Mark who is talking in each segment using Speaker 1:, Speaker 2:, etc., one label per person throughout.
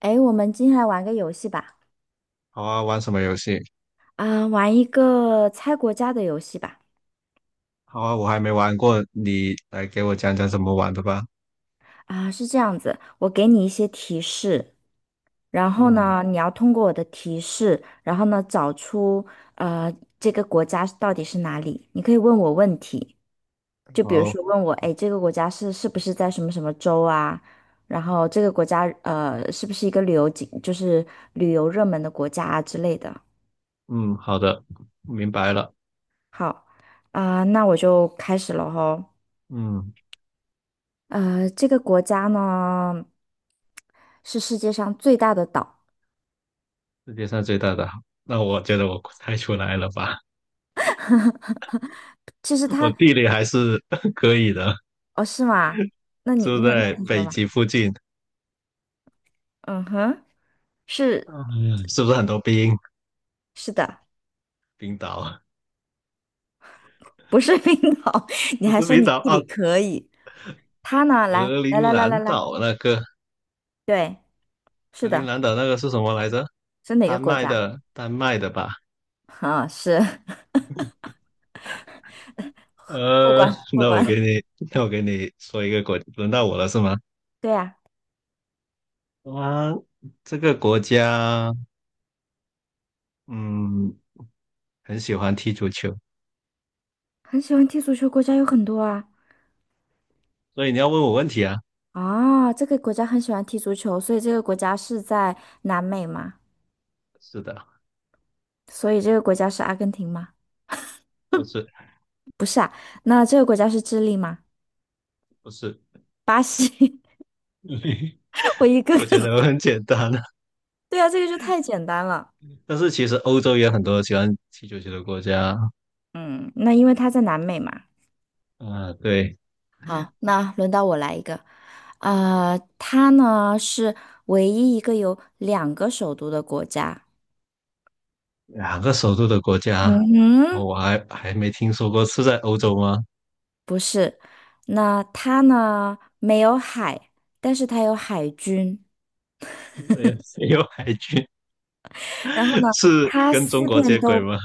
Speaker 1: 诶，我们今天来玩个游戏吧，
Speaker 2: 好啊，玩什么游戏？
Speaker 1: 玩一个猜国家的游戏吧。
Speaker 2: 好啊，我还没玩过，你来给我讲讲怎么玩的吧。
Speaker 1: 是这样子，我给你一些提示，然后
Speaker 2: 嗯，
Speaker 1: 呢，你要通过我的提示，然后呢，找出呃这个国家到底是哪里。你可以问我问题，就比如
Speaker 2: 好，
Speaker 1: 说问我，诶，这个国家是不是在什么什么州啊？然后这个国家是不是一个旅游景，就是旅游热门的国家啊之类的。
Speaker 2: 嗯，好的，明白了。
Speaker 1: 好，那我就开始了吼。
Speaker 2: 嗯，
Speaker 1: 呃，这个国家呢是世界上最大的岛。
Speaker 2: 世界上最大的，那我觉得我猜出来了吧？
Speaker 1: 其实
Speaker 2: 我
Speaker 1: 它，
Speaker 2: 地理还是 可以的，
Speaker 1: 哦，是吗？那你
Speaker 2: 住
Speaker 1: 那
Speaker 2: 在
Speaker 1: 你
Speaker 2: 北
Speaker 1: 说吧。
Speaker 2: 极附近。
Speaker 1: 嗯哼，是
Speaker 2: 嗯，是不是很多冰？
Speaker 1: 是的，
Speaker 2: 冰岛
Speaker 1: 不是冰岛。你
Speaker 2: 不
Speaker 1: 还
Speaker 2: 是
Speaker 1: 说
Speaker 2: 冰
Speaker 1: 你
Speaker 2: 岛
Speaker 1: 地
Speaker 2: 啊，
Speaker 1: 理可以？它呢？来
Speaker 2: 格
Speaker 1: 来
Speaker 2: 陵
Speaker 1: 来来来
Speaker 2: 兰
Speaker 1: 来，
Speaker 2: 岛那个，
Speaker 1: 对，
Speaker 2: 格
Speaker 1: 是
Speaker 2: 陵
Speaker 1: 的，
Speaker 2: 兰岛那个是什么来着？
Speaker 1: 是哪个
Speaker 2: 丹
Speaker 1: 国
Speaker 2: 麦
Speaker 1: 家？
Speaker 2: 的，丹麦的吧？
Speaker 1: 啊，是 过
Speaker 2: 呃，
Speaker 1: 关 过
Speaker 2: 那我给
Speaker 1: 关。
Speaker 2: 你，那我给你说一个国，轮到我了是吗？
Speaker 1: 对呀，
Speaker 2: 啊，这个国家，嗯，很喜欢踢足球，
Speaker 1: 很喜欢踢足球国家有很多啊。
Speaker 2: 所以你要问我问题啊？
Speaker 1: 啊，这个国家很喜欢踢足球，所以这个国家是在南美吗？
Speaker 2: 是的，
Speaker 1: 所以这个国家是阿根廷吗？
Speaker 2: 不是，
Speaker 1: 那这个国家是智利吗？
Speaker 2: 不是，
Speaker 1: 巴西，我一 个
Speaker 2: 我觉
Speaker 1: 个，
Speaker 2: 得我 很简单的。
Speaker 1: 对啊，这个就太简单了。
Speaker 2: 但是其实欧洲也有很多喜欢踢足球的国家，
Speaker 1: 嗯，那因为它在南美嘛。
Speaker 2: 嗯、对，
Speaker 1: 好，那轮到我来一个，呃，它呢是唯一一个有两个首都的国家。
Speaker 2: 两个首都的国
Speaker 1: 嗯
Speaker 2: 家，哦
Speaker 1: 哼，
Speaker 2: 我还没听说过，是在欧洲吗？
Speaker 1: 不是，那它呢没有海，但是它有海军。
Speaker 2: 没有，没有海军，
Speaker 1: 然后呢，
Speaker 2: 是
Speaker 1: 它
Speaker 2: 跟中
Speaker 1: 四
Speaker 2: 国
Speaker 1: 面
Speaker 2: 接轨
Speaker 1: 都，
Speaker 2: 吗？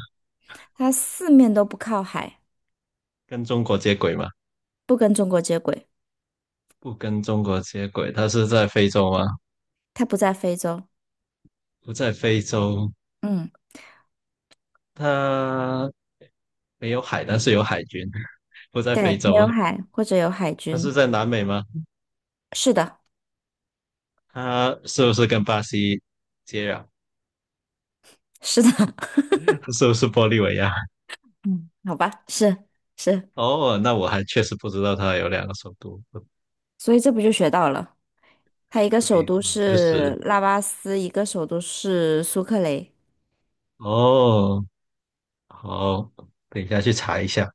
Speaker 1: 它四面都不靠海，
Speaker 2: 跟中国接轨吗？
Speaker 1: 不跟中国接轨，
Speaker 2: 不跟中国接轨，它是在非洲吗？
Speaker 1: 它不在非洲。
Speaker 2: 不在非洲，
Speaker 1: 嗯。
Speaker 2: 它没有海，但是有海军。不在非
Speaker 1: 对，
Speaker 2: 洲，
Speaker 1: 没有海或者有海
Speaker 2: 它是
Speaker 1: 军，
Speaker 2: 在南美吗？
Speaker 1: 是的，
Speaker 2: 它是不是跟巴西接壤？
Speaker 1: 是的，
Speaker 2: 是不是玻利维亚？
Speaker 1: 嗯，好吧，是，
Speaker 2: 哦，那我还确实不知道它有两个首都。不
Speaker 1: 所以这不就学到了？它一个
Speaker 2: 可以，
Speaker 1: 首都
Speaker 2: 嗯，知识。
Speaker 1: 是拉巴斯，一个首都是苏克雷。
Speaker 2: 哦，好，等一下去查一下。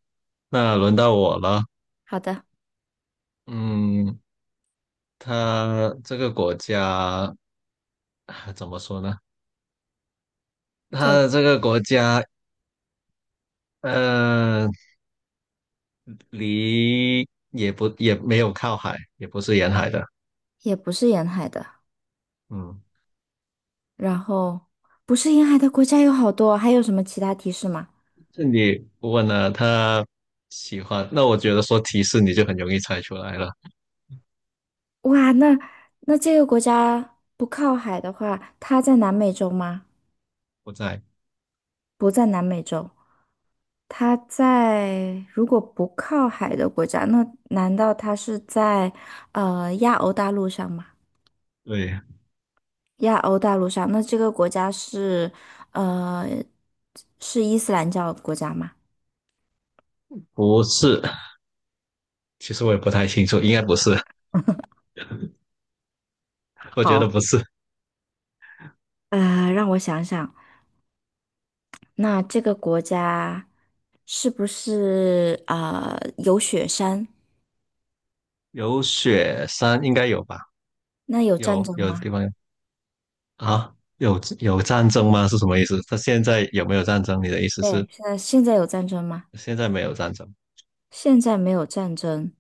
Speaker 2: 那轮到我了。
Speaker 1: 好的，
Speaker 2: 嗯，它这个国家 啊怎么说呢？
Speaker 1: 这
Speaker 2: 它
Speaker 1: 个
Speaker 2: 这个国家呃，离也不也没有靠海，也不是沿海的。
Speaker 1: 也不是沿海的，
Speaker 2: 嗯，
Speaker 1: 然后不是沿海的国家有好多，还有什么其他提示吗？
Speaker 2: 这你问了他喜欢，那我觉得说提示你就很容易猜出来了。
Speaker 1: 哇，那这个国家不靠海的话，它在南美洲吗？
Speaker 2: 不在，
Speaker 1: 不在南美洲，它在如果不靠海的国家，那难道它是在亚欧大陆上吗？
Speaker 2: 对，
Speaker 1: 亚欧大陆上，那这个国家是呃是伊斯兰教国家吗？
Speaker 2: 不是。其实我也不太清楚，应该不是，我觉得
Speaker 1: 好，
Speaker 2: 不是。
Speaker 1: 呃，让我想想，那这个国家是不是有雪山？
Speaker 2: 有雪山应该有吧？
Speaker 1: 那有战
Speaker 2: 有
Speaker 1: 争
Speaker 2: 有地
Speaker 1: 吗？
Speaker 2: 方有啊？有战争吗？是什么意思？他现在有没有战争？你的意思是
Speaker 1: 对，现在有战争吗？
Speaker 2: 现在没有战争？
Speaker 1: 现在没有战争。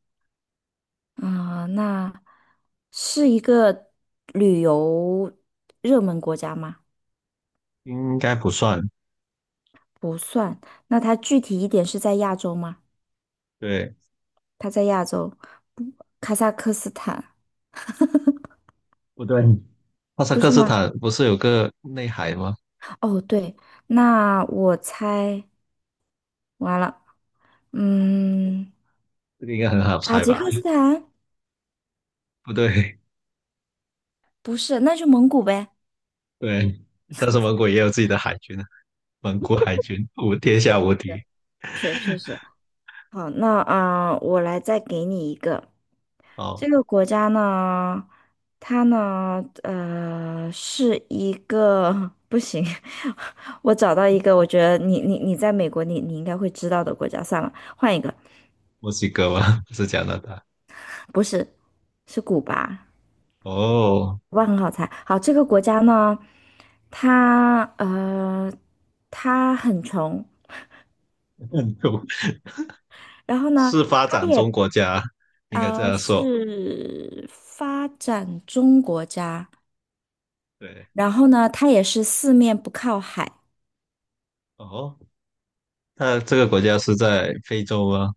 Speaker 1: 啊，那是一个旅游热门国家吗？
Speaker 2: 应该不算。
Speaker 1: 不算。那它具体一点是在亚洲吗？
Speaker 2: 对，
Speaker 1: 它在亚洲，不卡萨克斯坦，
Speaker 2: 不对，哈萨
Speaker 1: 不
Speaker 2: 克
Speaker 1: 是
Speaker 2: 斯
Speaker 1: 吗？
Speaker 2: 坦不是有个内海吗？
Speaker 1: 哦，对，那我猜完了，嗯，
Speaker 2: 这个应该很好
Speaker 1: 塔
Speaker 2: 猜
Speaker 1: 吉
Speaker 2: 吧？
Speaker 1: 克斯坦
Speaker 2: 不对，
Speaker 1: 不是，那就蒙古呗。
Speaker 2: 对，但是蒙古也有自己的海军啊，蒙古海军无天下
Speaker 1: 对
Speaker 2: 无
Speaker 1: 对，
Speaker 2: 敌。
Speaker 1: 确确实。好，那啊，我来再给你一个。这
Speaker 2: 好，
Speaker 1: 个国家呢，它呢，呃，是一个 不行，我找到一个，我觉得你你在美国你，你应该会知道的国家，算了，换一个，
Speaker 2: 墨西哥吗？不是加拿大。
Speaker 1: 不是，是古巴，
Speaker 2: 哦，
Speaker 1: 古巴很好猜。好，这个国家呢，它呃，它很穷，
Speaker 2: 印度
Speaker 1: 然后呢，
Speaker 2: 是发
Speaker 1: 它
Speaker 2: 展
Speaker 1: 也
Speaker 2: 中国家，应该这样说。
Speaker 1: 是发展中国家，
Speaker 2: 对，
Speaker 1: 然后呢，它也是四面不靠海。
Speaker 2: 哦，那这个国家是在非洲吗？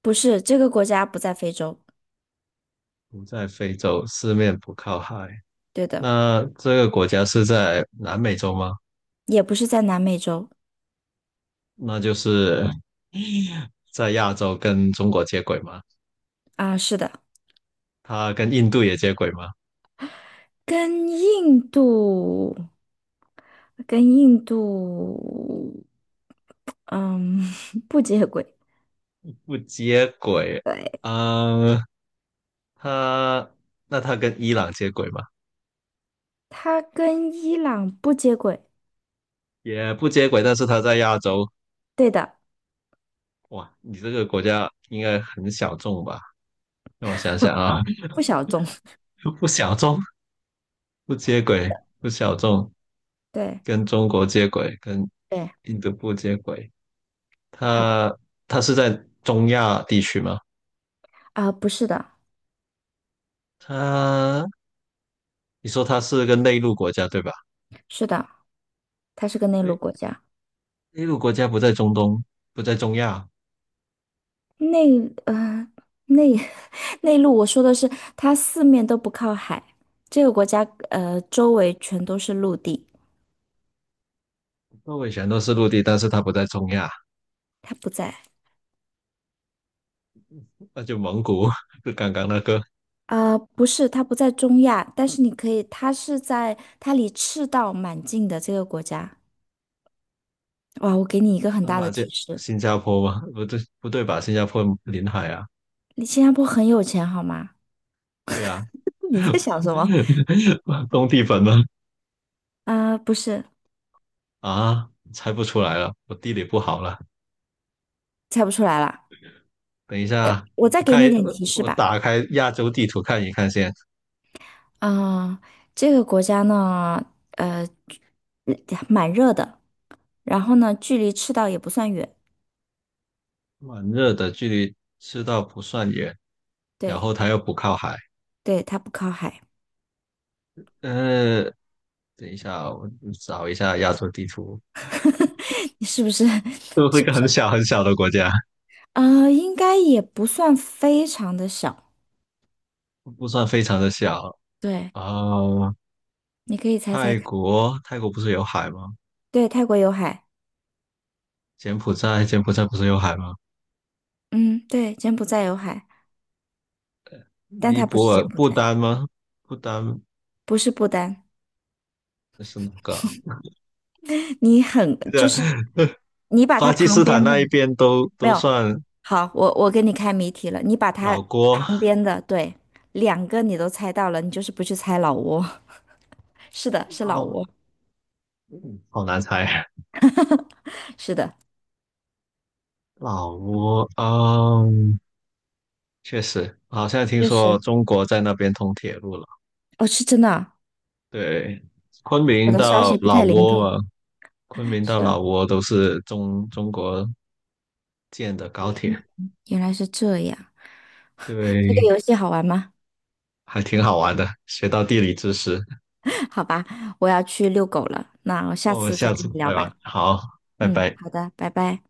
Speaker 1: 不是，这个国家不在非洲，
Speaker 2: 不在非洲，四面不靠海。
Speaker 1: 对的，
Speaker 2: 那这个国家是在南美洲吗？
Speaker 1: 也不是在南美洲
Speaker 2: 那就是在亚洲跟中国接轨吗？
Speaker 1: 啊，是的，
Speaker 2: 它跟印度也接轨吗？
Speaker 1: 跟印度，跟印度，嗯，不接轨，
Speaker 2: 不接轨。
Speaker 1: 对，
Speaker 2: 嗯，它那它跟伊朗接轨吗？
Speaker 1: 它跟伊朗不接轨，
Speaker 2: 也不接轨，但是它在亚洲。
Speaker 1: 对的，
Speaker 2: 哇，你这个国家应该很小众吧？让我想想啊，
Speaker 1: 不小众，
Speaker 2: 不小众，不接轨，不小众，
Speaker 1: 对
Speaker 2: 跟中国接轨，跟
Speaker 1: 对，
Speaker 2: 印度不接轨。
Speaker 1: 好的，
Speaker 2: 它它是在中亚地区吗？
Speaker 1: 啊，不是的，
Speaker 2: 它你说它是个内陆国家对吧？
Speaker 1: 是的，它是个内
Speaker 2: 内
Speaker 1: 陆国家。
Speaker 2: 内陆国家不在中东，不在中亚，
Speaker 1: 内呃内 内陆，我说的是它四面都不靠海，这个国家周围全都是陆地，
Speaker 2: 诺维全都是陆地，但是它不在中亚，
Speaker 1: 它不在
Speaker 2: 那就蒙古，就刚刚那个，
Speaker 1: 啊，不是它不在中亚，但是你可以，它是在它离赤道蛮近的这个国家。哇，我给你一个很
Speaker 2: 那
Speaker 1: 大的
Speaker 2: 马这
Speaker 1: 提示，
Speaker 2: 新加坡吗？不对，不对吧？新加坡临海啊，
Speaker 1: 你新加坡很有钱好吗？
Speaker 2: 对啊，
Speaker 1: 你在想什么？
Speaker 2: 东帝汶吗？
Speaker 1: 不是，
Speaker 2: 啊，猜不出来了，我地理不好了。
Speaker 1: 猜不出来了。
Speaker 2: 等一下，
Speaker 1: 我再
Speaker 2: 我
Speaker 1: 给
Speaker 2: 看
Speaker 1: 你一
Speaker 2: 一
Speaker 1: 点提示
Speaker 2: 我
Speaker 1: 吧。
Speaker 2: 打开亚洲地图看一看先。
Speaker 1: 啊、这个国家呢，呃，嗯蛮热的。然后呢，距离赤道也不算远，
Speaker 2: 蛮热的，距离赤道不算远，然
Speaker 1: 对
Speaker 2: 后它又不靠海。
Speaker 1: 对，它不靠海，
Speaker 2: 呃，等一下，我找一下亚洲地图。
Speaker 1: 你是不是？
Speaker 2: 就 是一
Speaker 1: 是
Speaker 2: 个
Speaker 1: 不是？
Speaker 2: 很小很小的国家，
Speaker 1: 呃，应该也不算非常的小，
Speaker 2: 不算非常的小
Speaker 1: 对，
Speaker 2: 啊。
Speaker 1: 你可以猜猜
Speaker 2: 泰
Speaker 1: 看。
Speaker 2: 国，泰国不是有海吗？
Speaker 1: 对，泰国有海，
Speaker 2: 柬埔寨，柬埔寨不是有海吗？
Speaker 1: 嗯，对，柬埔寨有海，但
Speaker 2: 尼
Speaker 1: 它不是
Speaker 2: 泊
Speaker 1: 柬
Speaker 2: 尔、
Speaker 1: 埔
Speaker 2: 不
Speaker 1: 寨，
Speaker 2: 丹吗？不丹
Speaker 1: 不是不丹，
Speaker 2: 是哪个啊？
Speaker 1: 你很
Speaker 2: 这
Speaker 1: 就
Speaker 2: 个
Speaker 1: 是你把
Speaker 2: 巴
Speaker 1: 它
Speaker 2: 基
Speaker 1: 旁
Speaker 2: 斯坦
Speaker 1: 边的
Speaker 2: 那一边都
Speaker 1: 没
Speaker 2: 都
Speaker 1: 有，
Speaker 2: 算
Speaker 1: 好，我给你开谜题了，你把
Speaker 2: 老
Speaker 1: 它
Speaker 2: 挝，
Speaker 1: 边的对两个你都猜到了，你就是不去猜老挝，是的，是老
Speaker 2: 老，
Speaker 1: 挝，
Speaker 2: 嗯好难猜。老挝，嗯，确实，好像听
Speaker 1: 确
Speaker 2: 说
Speaker 1: 实，
Speaker 2: 中国在那边通铁路了。
Speaker 1: 哦，是真的啊
Speaker 2: 对，昆
Speaker 1: 我
Speaker 2: 明
Speaker 1: 的消
Speaker 2: 到
Speaker 1: 息不
Speaker 2: 老
Speaker 1: 太灵
Speaker 2: 挝
Speaker 1: 通。
Speaker 2: 嘛，昆明到老
Speaker 1: 是，
Speaker 2: 挝都是中国建的高铁，
Speaker 1: 嗯原来是这样。这个
Speaker 2: 对，
Speaker 1: 游戏好玩吗？
Speaker 2: 还挺好玩的，学到地理知识。
Speaker 1: 好吧，我要去遛狗了。那我
Speaker 2: 那
Speaker 1: 下
Speaker 2: 我们
Speaker 1: 次再
Speaker 2: 下
Speaker 1: 跟
Speaker 2: 次
Speaker 1: 你聊
Speaker 2: 再
Speaker 1: 吧。
Speaker 2: 玩，好，拜
Speaker 1: 嗯，
Speaker 2: 拜。
Speaker 1: 好的，拜拜。